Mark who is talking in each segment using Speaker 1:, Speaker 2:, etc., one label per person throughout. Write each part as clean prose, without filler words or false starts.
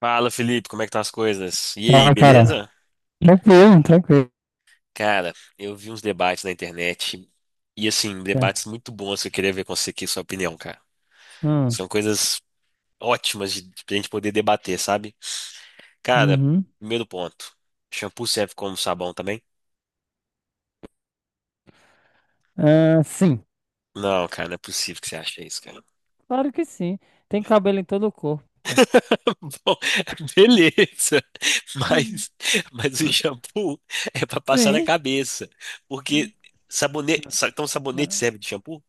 Speaker 1: Fala, Felipe, como é que estão as coisas? E aí,
Speaker 2: Fala, cara.
Speaker 1: beleza?
Speaker 2: Tranquilo, tranquilo.
Speaker 1: Cara, eu vi uns debates na internet e assim, debates muito bons que eu queria ver com você aqui, sua opinião, cara.
Speaker 2: Hum,
Speaker 1: São coisas ótimas de a gente poder debater, sabe? Cara,
Speaker 2: uhum.
Speaker 1: primeiro ponto. Shampoo serve como sabão também?
Speaker 2: Ah, sim,
Speaker 1: Não, cara, não é possível que você ache isso, cara.
Speaker 2: claro que sim. Tem cabelo em todo o corpo, pô.
Speaker 1: Bom, beleza.
Speaker 2: Hum.
Speaker 1: Mas, mas o shampoo é pra passar na
Speaker 2: Sim.
Speaker 1: cabeça. Porque
Speaker 2: Não.
Speaker 1: então sabonete serve de shampoo?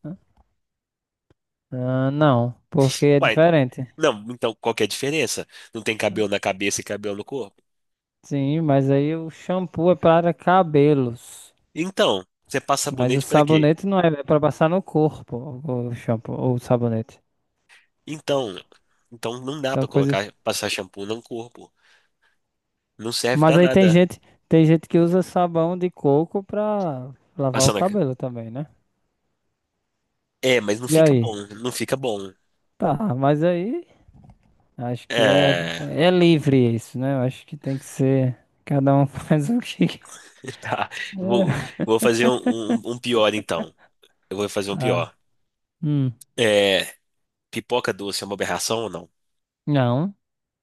Speaker 2: Ah, não, porque é
Speaker 1: Uai,
Speaker 2: diferente.
Speaker 1: não, então qual que é a diferença? Não tem cabelo na cabeça e cabelo no corpo?
Speaker 2: Sim, mas aí o shampoo é para cabelos.
Speaker 1: Então, você passa
Speaker 2: Mas o
Speaker 1: sabonete pra quê?
Speaker 2: sabonete não é, é para passar no corpo, o shampoo ou o sabonete.
Speaker 1: Então, então não dá
Speaker 2: São
Speaker 1: pra
Speaker 2: coisas.
Speaker 1: colocar, passar shampoo no corpo. Não serve
Speaker 2: Mas
Speaker 1: pra
Speaker 2: aí
Speaker 1: nada.
Speaker 2: tem gente que usa sabão de coco para lavar o
Speaker 1: Passar na... ca-
Speaker 2: cabelo também, né?
Speaker 1: É, mas não
Speaker 2: E
Speaker 1: fica bom,
Speaker 2: aí?
Speaker 1: não fica bom.
Speaker 2: Tá, mas aí Acho que é,
Speaker 1: É,
Speaker 2: é livre isso, né? Eu acho que tem que ser. Cada um faz o que quer.
Speaker 1: tá. Vou, vou fazer um pior então. Eu vou fazer um
Speaker 2: Tá.
Speaker 1: pior.
Speaker 2: Hum.
Speaker 1: É, pipoca doce é uma aberração ou não?
Speaker 2: Não,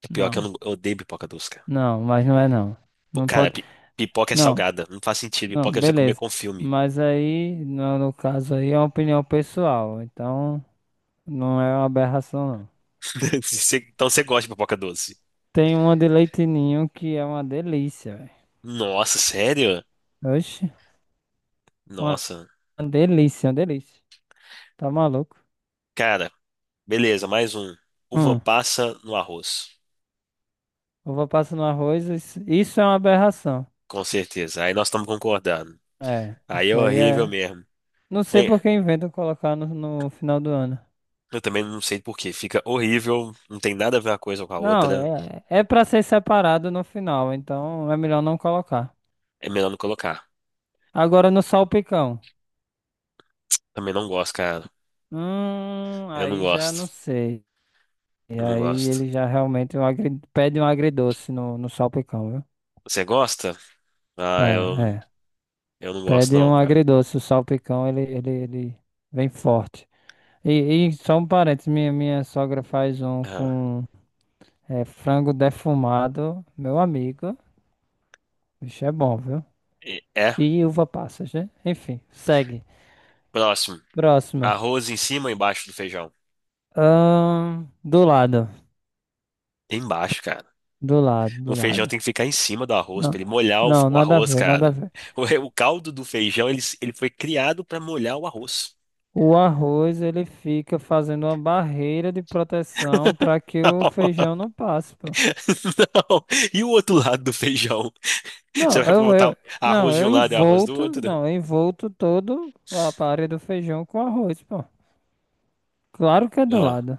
Speaker 1: É pior que eu,
Speaker 2: não,
Speaker 1: não, eu odeio pipoca doce, cara.
Speaker 2: não, mas não é não.
Speaker 1: Pô,
Speaker 2: Não
Speaker 1: Cara,
Speaker 2: pode.
Speaker 1: pi- pipoca é
Speaker 2: Não,
Speaker 1: salgada. Não faz sentido.
Speaker 2: não,
Speaker 1: Pipoca é pra você comer
Speaker 2: beleza.
Speaker 1: com filme.
Speaker 2: Mas aí, no caso aí, é uma opinião pessoal. Então, não é uma aberração, não.
Speaker 1: Então você gosta de pipoca doce?
Speaker 2: Tem uma de leite ninho que é uma delícia, velho.
Speaker 1: Nossa, sério?
Speaker 2: Oxe, uma
Speaker 1: Nossa.
Speaker 2: delícia, uma delícia. Tá maluco?
Speaker 1: Cara, beleza, mais um. Uva
Speaker 2: Hum.
Speaker 1: passa no arroz.
Speaker 2: Uva passa no arroz, isso é uma aberração.
Speaker 1: Com certeza. Aí nós estamos concordando.
Speaker 2: É,
Speaker 1: Aí é
Speaker 2: isso aí
Speaker 1: horrível
Speaker 2: é.
Speaker 1: mesmo.
Speaker 2: Não sei por
Speaker 1: É,
Speaker 2: que inventam colocar no final do ano.
Speaker 1: eu também não sei por quê. Fica horrível. Não tem nada a ver uma coisa com a
Speaker 2: Não,
Speaker 1: outra.
Speaker 2: é, é pra ser separado no final, então é melhor não colocar.
Speaker 1: É melhor não colocar.
Speaker 2: Agora no salpicão.
Speaker 1: Também não gosto, cara. Eu não
Speaker 2: Aí já não
Speaker 1: gosto.
Speaker 2: sei. E
Speaker 1: Não
Speaker 2: aí
Speaker 1: gosto.
Speaker 2: ele já realmente é pede um agridoce no salpicão, viu?
Speaker 1: Você gosta? Ah,
Speaker 2: Ah,
Speaker 1: eu,
Speaker 2: é, é.
Speaker 1: eu não gosto,
Speaker 2: Pede
Speaker 1: não,
Speaker 2: um
Speaker 1: cara.
Speaker 2: agridoce, o salpicão ele vem forte. E, e só um parênteses, minha sogra faz um
Speaker 1: Ah,
Speaker 2: com é, frango defumado, meu amigo. Bicho é bom, viu?
Speaker 1: É.
Speaker 2: E uva passas, né? Enfim, segue.
Speaker 1: Próximo.
Speaker 2: Próxima.
Speaker 1: Arroz em cima ou embaixo do feijão?
Speaker 2: Do lado.
Speaker 1: Embaixo, cara.
Speaker 2: Do lado, do
Speaker 1: O feijão
Speaker 2: lado.
Speaker 1: tem que ficar em cima do arroz,
Speaker 2: Não,
Speaker 1: pra ele molhar o,
Speaker 2: não,
Speaker 1: o
Speaker 2: nada a
Speaker 1: arroz,
Speaker 2: ver, nada a
Speaker 1: cara.
Speaker 2: ver.
Speaker 1: O caldo do feijão, ele foi criado pra molhar o arroz.
Speaker 2: O arroz, ele fica fazendo uma barreira de proteção para que o
Speaker 1: Não.
Speaker 2: feijão não passe, pô.
Speaker 1: E o outro lado do feijão? Você
Speaker 2: Não,
Speaker 1: vai
Speaker 2: eu, eu,
Speaker 1: botar
Speaker 2: não,
Speaker 1: arroz de um lado e arroz do outro?
Speaker 2: não, eu envolto todo a área do feijão com arroz, pô. Claro que é do
Speaker 1: Ah,
Speaker 2: lado.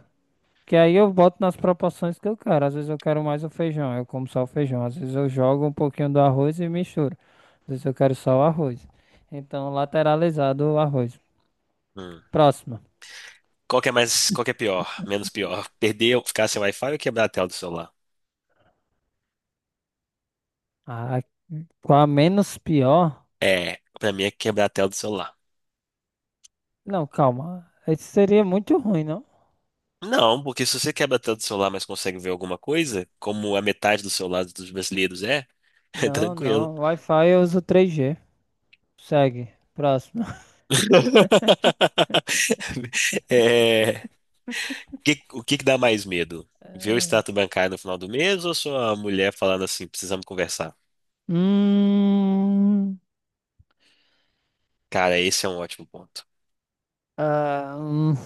Speaker 2: Que aí eu boto nas proporções que eu quero. Às vezes eu quero mais o feijão, eu como só o feijão. Às vezes eu jogo um pouquinho do arroz e misturo. Às vezes eu quero só o arroz. Então, lateralizado o arroz.
Speaker 1: hum.
Speaker 2: Próxima.
Speaker 1: Qual que é mais, qual que é pior? Menos pior? Perder ou ficar sem Wi-Fi ou quebrar a tela do celular?
Speaker 2: Ah, qual a menos pior?
Speaker 1: É, pra mim é quebrar a tela do celular.
Speaker 2: Não, calma. Isso seria muito ruim, não?
Speaker 1: Não, porque se você quebra a tela do celular, mas consegue ver alguma coisa, como a metade do celular dos brasileiros é, é
Speaker 2: Não,
Speaker 1: tranquilo.
Speaker 2: não. Wi-Fi eu uso 3G. Segue. Próximo.
Speaker 1: É, o que que dá mais medo? Ver o
Speaker 2: É.
Speaker 1: extrato bancário no final do mês ou sua mulher falando assim, precisamos conversar?
Speaker 2: Hum,
Speaker 1: Cara, esse é um ótimo ponto.
Speaker 2: ah.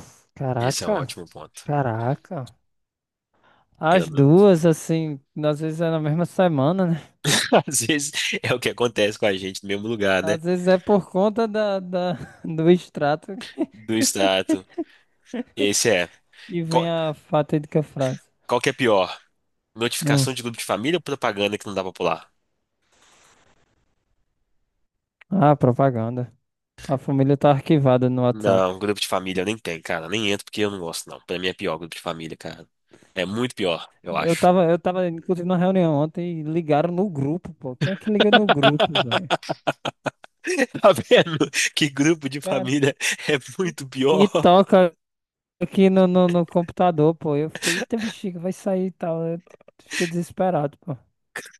Speaker 1: Esse é um
Speaker 2: Caraca.
Speaker 1: ótimo ponto.
Speaker 2: Caraca.
Speaker 1: Eu
Speaker 2: As
Speaker 1: não.
Speaker 2: duas, assim, às vezes é na mesma semana, né?
Speaker 1: Às vezes é o que acontece com a gente no mesmo lugar, né?
Speaker 2: Às vezes é por conta do extrato
Speaker 1: Do extrato. Esse é.
Speaker 2: que vem
Speaker 1: Qual,
Speaker 2: a fatídica frase.
Speaker 1: qual que é pior?
Speaker 2: Hum.
Speaker 1: Notificação de grupo de família ou propaganda que não dá pra pular?
Speaker 2: Ah, propaganda. A família tá arquivada no WhatsApp.
Speaker 1: Não, grupo de família eu nem tem, cara. Nem entro porque eu não gosto, não. Pra mim é pior grupo de família, cara. É muito pior, eu acho.
Speaker 2: Eu tava, inclusive, na reunião ontem e ligaram no grupo, pô. Quem é que liga no grupo, velho?
Speaker 1: Tá vendo? Que grupo de
Speaker 2: Cara,
Speaker 1: família é
Speaker 2: e
Speaker 1: muito
Speaker 2: e
Speaker 1: pior.
Speaker 2: toca aqui no computador, pô. Eu fiquei, eita bexiga, vai sair e tal. Eu fiquei desesperado, pô.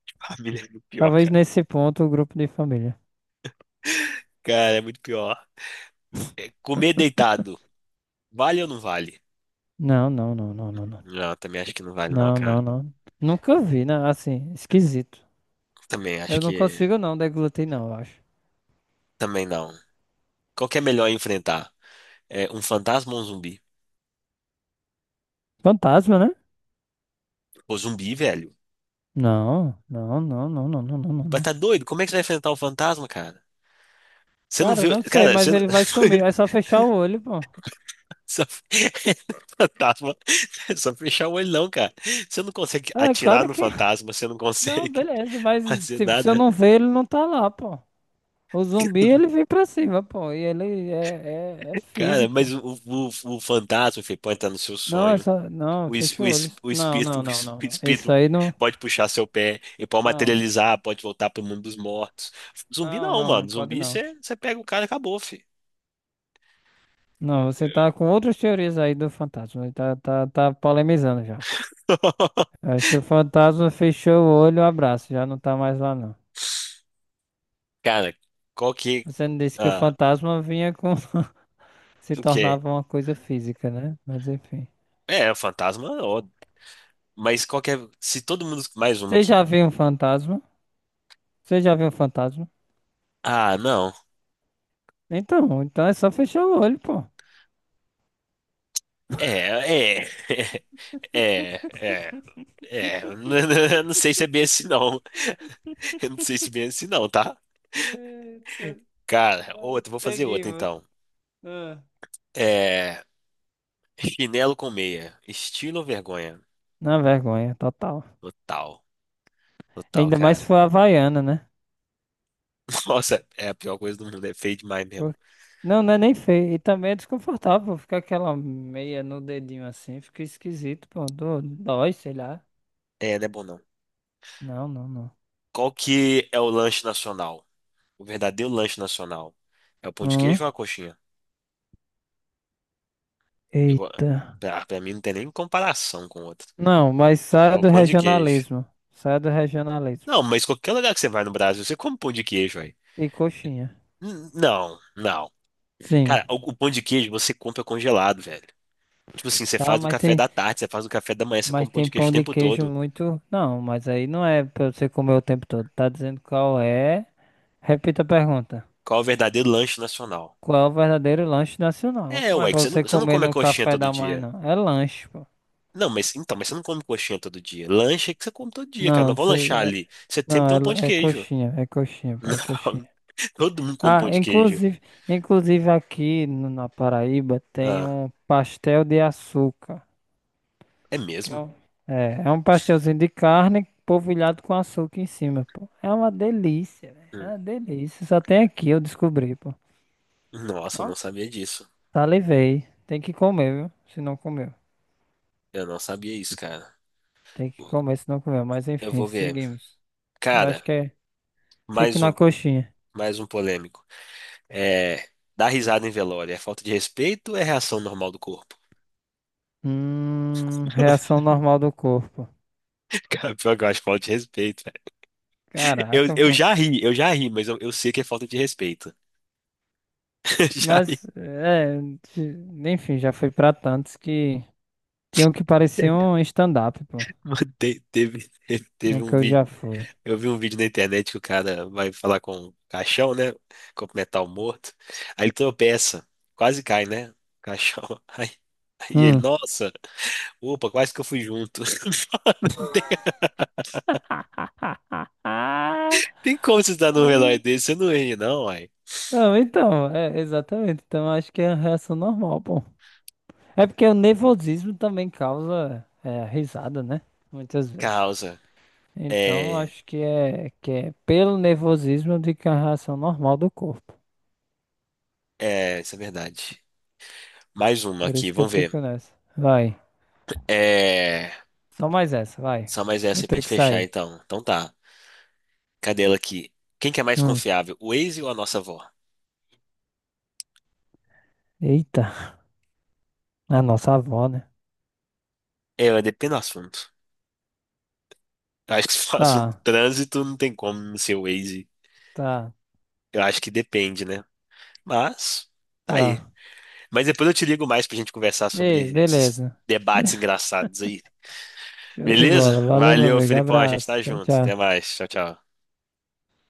Speaker 1: Família é muito pior,
Speaker 2: Talvez
Speaker 1: cara.
Speaker 2: nesse ponto o grupo de família.
Speaker 1: Cara, é muito pior. É, comer deitado, vale ou não vale?
Speaker 2: Não, não, não, não, não, não.
Speaker 1: Não, eu também acho que não vale, não,
Speaker 2: Não, não,
Speaker 1: cara.
Speaker 2: não. Nunca vi, né? Assim, esquisito.
Speaker 1: Também acho
Speaker 2: Eu não
Speaker 1: que.
Speaker 2: consigo não deglutir, não, eu acho.
Speaker 1: Também não. Qual que é melhor enfrentar? É um fantasma ou um zumbi?
Speaker 2: Fantasma, né?
Speaker 1: Pô, zumbi, velho.
Speaker 2: Não, não, não, não, não, não, não, não,
Speaker 1: Mas
Speaker 2: não.
Speaker 1: tá doido? Como é que você vai enfrentar um fantasma, cara? Você não
Speaker 2: Cara,
Speaker 1: vê.
Speaker 2: não sei,
Speaker 1: Cara, você.
Speaker 2: mas ele vai sumir. É só fechar o olho, pô.
Speaker 1: Só... Fantasma. É só fechar o olho, não, cara. Você não consegue
Speaker 2: É,
Speaker 1: atirar
Speaker 2: claro
Speaker 1: no
Speaker 2: que.
Speaker 1: fantasma, você não
Speaker 2: Não,
Speaker 1: consegue
Speaker 2: beleza, mas,
Speaker 1: fazer
Speaker 2: tipo, se eu
Speaker 1: nada.
Speaker 2: não ver, ele não tá lá, pô. O zumbi, ele vem pra cima, pô. E ele é, é
Speaker 1: Cara, mas
Speaker 2: físico.
Speaker 1: o fantasma, filho, pode estar no seu
Speaker 2: Não, é
Speaker 1: sonho.
Speaker 2: só. Não, fecha o olho.
Speaker 1: O
Speaker 2: Não,
Speaker 1: espírito,
Speaker 2: não, não, não,
Speaker 1: o
Speaker 2: não. Isso
Speaker 1: espírito
Speaker 2: aí não.
Speaker 1: pode puxar seu pé, ele pode
Speaker 2: Não,
Speaker 1: materializar, pode voltar pro mundo dos mortos. Zumbi
Speaker 2: não,
Speaker 1: não,
Speaker 2: não, não
Speaker 1: mano.
Speaker 2: pode
Speaker 1: Zumbi,
Speaker 2: não.
Speaker 1: você pega o cara e acabou, filho.
Speaker 2: Não, você tá com outras teorias aí do fantasma. Tá polemizando já. Acho que o fantasma fechou o olho, abraço, já não tá mais lá não.
Speaker 1: Cara, qual que.
Speaker 2: Você não disse que o
Speaker 1: Ah,
Speaker 2: fantasma vinha com. Se
Speaker 1: o quê?
Speaker 2: tornava uma coisa física, né? Mas enfim.
Speaker 1: É, o fantasma, ó, mas qual que é. Se todo mundo. Mais uma
Speaker 2: Você
Speaker 1: aqui.
Speaker 2: já viu um fantasma? Você já viu um fantasma?
Speaker 1: Ah, não.
Speaker 2: Então é só fechar o olho, pô.
Speaker 1: É, é, é, é, é. Eu não sei se é bem assim, não. Eu não sei se é bem assim, não, tá?
Speaker 2: Eita,
Speaker 1: Cara,
Speaker 2: ai,
Speaker 1: outra, vou fazer
Speaker 2: peguei,
Speaker 1: outra então.
Speaker 2: ah.
Speaker 1: É, chinelo com meia, estilo ou vergonha?
Speaker 2: Na vergonha, total.
Speaker 1: Total, total,
Speaker 2: Ainda mais se
Speaker 1: cara.
Speaker 2: for havaiana, né?
Speaker 1: Nossa, é a pior coisa do mundo, é feio demais mesmo.
Speaker 2: Por- não, não é nem feio. E também é desconfortável. Fica aquela meia no dedinho assim. Fica esquisito, pô. Dó- dói, sei lá.
Speaker 1: É, não é bom não.
Speaker 2: Não, não, não.
Speaker 1: Qual que é o lanche nacional? O verdadeiro lanche nacional? É o pão de
Speaker 2: Hum?
Speaker 1: queijo ou a coxinha? Eu, vou-
Speaker 2: Eita.
Speaker 1: pra, pra mim não tem nem comparação com o outro.
Speaker 2: Não, mas
Speaker 1: É
Speaker 2: saia
Speaker 1: o
Speaker 2: do
Speaker 1: pão de queijo.
Speaker 2: regionalismo. Saia do regionalismo.
Speaker 1: Não, mas qualquer lugar que você vai no Brasil, você come pão de queijo, velho.
Speaker 2: E coxinha.
Speaker 1: Não, não.
Speaker 2: Sim.
Speaker 1: Cara, o pão de queijo você compra congelado, velho. Tipo assim, você
Speaker 2: Tá,
Speaker 1: faz no café da tarde, você faz no café da manhã, você
Speaker 2: mas
Speaker 1: come pão
Speaker 2: tem
Speaker 1: de queijo
Speaker 2: pão
Speaker 1: o
Speaker 2: de
Speaker 1: tempo
Speaker 2: queijo
Speaker 1: todo.
Speaker 2: muito. Não, mas aí não é pra você comer o tempo todo. Tá dizendo qual é? Repita a pergunta.
Speaker 1: Qual é o verdadeiro lanche nacional?
Speaker 2: Qual é o verdadeiro lanche nacional?
Speaker 1: É,
Speaker 2: Não é
Speaker 1: ué,
Speaker 2: pra
Speaker 1: que
Speaker 2: você
Speaker 1: você não
Speaker 2: comer
Speaker 1: come a
Speaker 2: no
Speaker 1: coxinha
Speaker 2: café
Speaker 1: todo
Speaker 2: da manhã,
Speaker 1: dia.
Speaker 2: não. É lanche, pô.
Speaker 1: Não, mas então, mas você não come coxinha todo dia. Lanche é que você come todo dia, cara. Não
Speaker 2: Não,
Speaker 1: vou
Speaker 2: você-
Speaker 1: lanchar
Speaker 2: é,
Speaker 1: ali. Você sempre
Speaker 2: não,
Speaker 1: tem um pão de
Speaker 2: é,
Speaker 1: queijo.
Speaker 2: é coxinha, pô, é coxinha.
Speaker 1: Não, todo mundo come
Speaker 2: Ah,
Speaker 1: pão de queijo.
Speaker 2: inclusive, aqui no- na Paraíba tem
Speaker 1: Ah,
Speaker 2: um pastel de açúcar.
Speaker 1: é
Speaker 2: Que é,
Speaker 1: mesmo?
Speaker 2: um, é um pastelzinho de carne polvilhado com açúcar em cima, pô. É uma delícia, velho. É
Speaker 1: Hum.
Speaker 2: uma delícia. Só tem aqui, eu descobri, pô.
Speaker 1: Nossa, eu
Speaker 2: Ó,
Speaker 1: não sabia disso.
Speaker 2: salivei. Tem que comer, viu? Se não comeu.
Speaker 1: Eu não sabia isso, cara.
Speaker 2: Tem que comer, se não comeu. Mas
Speaker 1: Eu
Speaker 2: enfim,
Speaker 1: vou ver.
Speaker 2: seguimos. Eu acho
Speaker 1: Cara.
Speaker 2: que é. Fico
Speaker 1: Mais
Speaker 2: na
Speaker 1: um,
Speaker 2: coxinha.
Speaker 1: mais um polêmico. É, dar risada em velório é falta de respeito ou é reação normal do corpo?
Speaker 2: Reação normal do corpo.
Speaker 1: Cara, pior que eu acho falta de respeito, velho.
Speaker 2: Caraca, pô.
Speaker 1: Eu já ri, mas eu sei que é falta de respeito. Já ri.
Speaker 2: Mas, é. ti- Enfim, já fui pra tantos que tinham que parecer um stand-up, pô.
Speaker 1: Mano, teve, teve
Speaker 2: No que
Speaker 1: um
Speaker 2: eu
Speaker 1: vídeo.
Speaker 2: já fui.
Speaker 1: Eu vi um vídeo na internet que o cara vai falar com o caixão, né? Cumprimentar o morto. Aí ele tropeça, quase cai, né? O caixão. Aí, aí ele,
Speaker 2: Hum.
Speaker 1: nossa, opa, quase que eu fui junto. Mano, tem como você dar num relógio desse? Você não ri, não, uai.
Speaker 2: Não, então, é, exatamente. Então, acho que é a reação normal, pô. É porque o nervosismo também causa é, risada, né? Muitas vezes.
Speaker 1: Causa.
Speaker 2: Então,
Speaker 1: É.
Speaker 2: acho que é pelo nervosismo de que é a reação normal do corpo.
Speaker 1: É, isso é verdade. Mais uma
Speaker 2: Por
Speaker 1: aqui,
Speaker 2: isso que eu
Speaker 1: vamos ver.
Speaker 2: fico nessa. Vai.
Speaker 1: É.
Speaker 2: Só mais essa, vai.
Speaker 1: Só mais
Speaker 2: Vou
Speaker 1: essa aí pra
Speaker 2: ter
Speaker 1: gente
Speaker 2: que
Speaker 1: fechar,
Speaker 2: sair.
Speaker 1: então. Então tá. Cadê ela aqui? Quem que é mais
Speaker 2: Hum.
Speaker 1: confiável, o Waze ou a nossa avó?
Speaker 2: Eita. A nossa avó, né?
Speaker 1: É, ela depende do assunto. Eu acho que se for assunto de
Speaker 2: Tá,
Speaker 1: trânsito, não tem como não ser o Waze.
Speaker 2: tá,
Speaker 1: Eu acho que depende, né? Mas, tá aí.
Speaker 2: tá.
Speaker 1: Mas depois eu te ligo mais pra gente conversar
Speaker 2: Ei,
Speaker 1: sobre esses
Speaker 2: beleza.
Speaker 1: debates engraçados aí.
Speaker 2: Show de
Speaker 1: Beleza?
Speaker 2: bola. Valeu, meu
Speaker 1: Valeu,
Speaker 2: amigo.
Speaker 1: Felipão. A gente
Speaker 2: Abraço.
Speaker 1: tá
Speaker 2: Tchau,
Speaker 1: junto. Até
Speaker 2: tchau.
Speaker 1: mais. Tchau, tchau.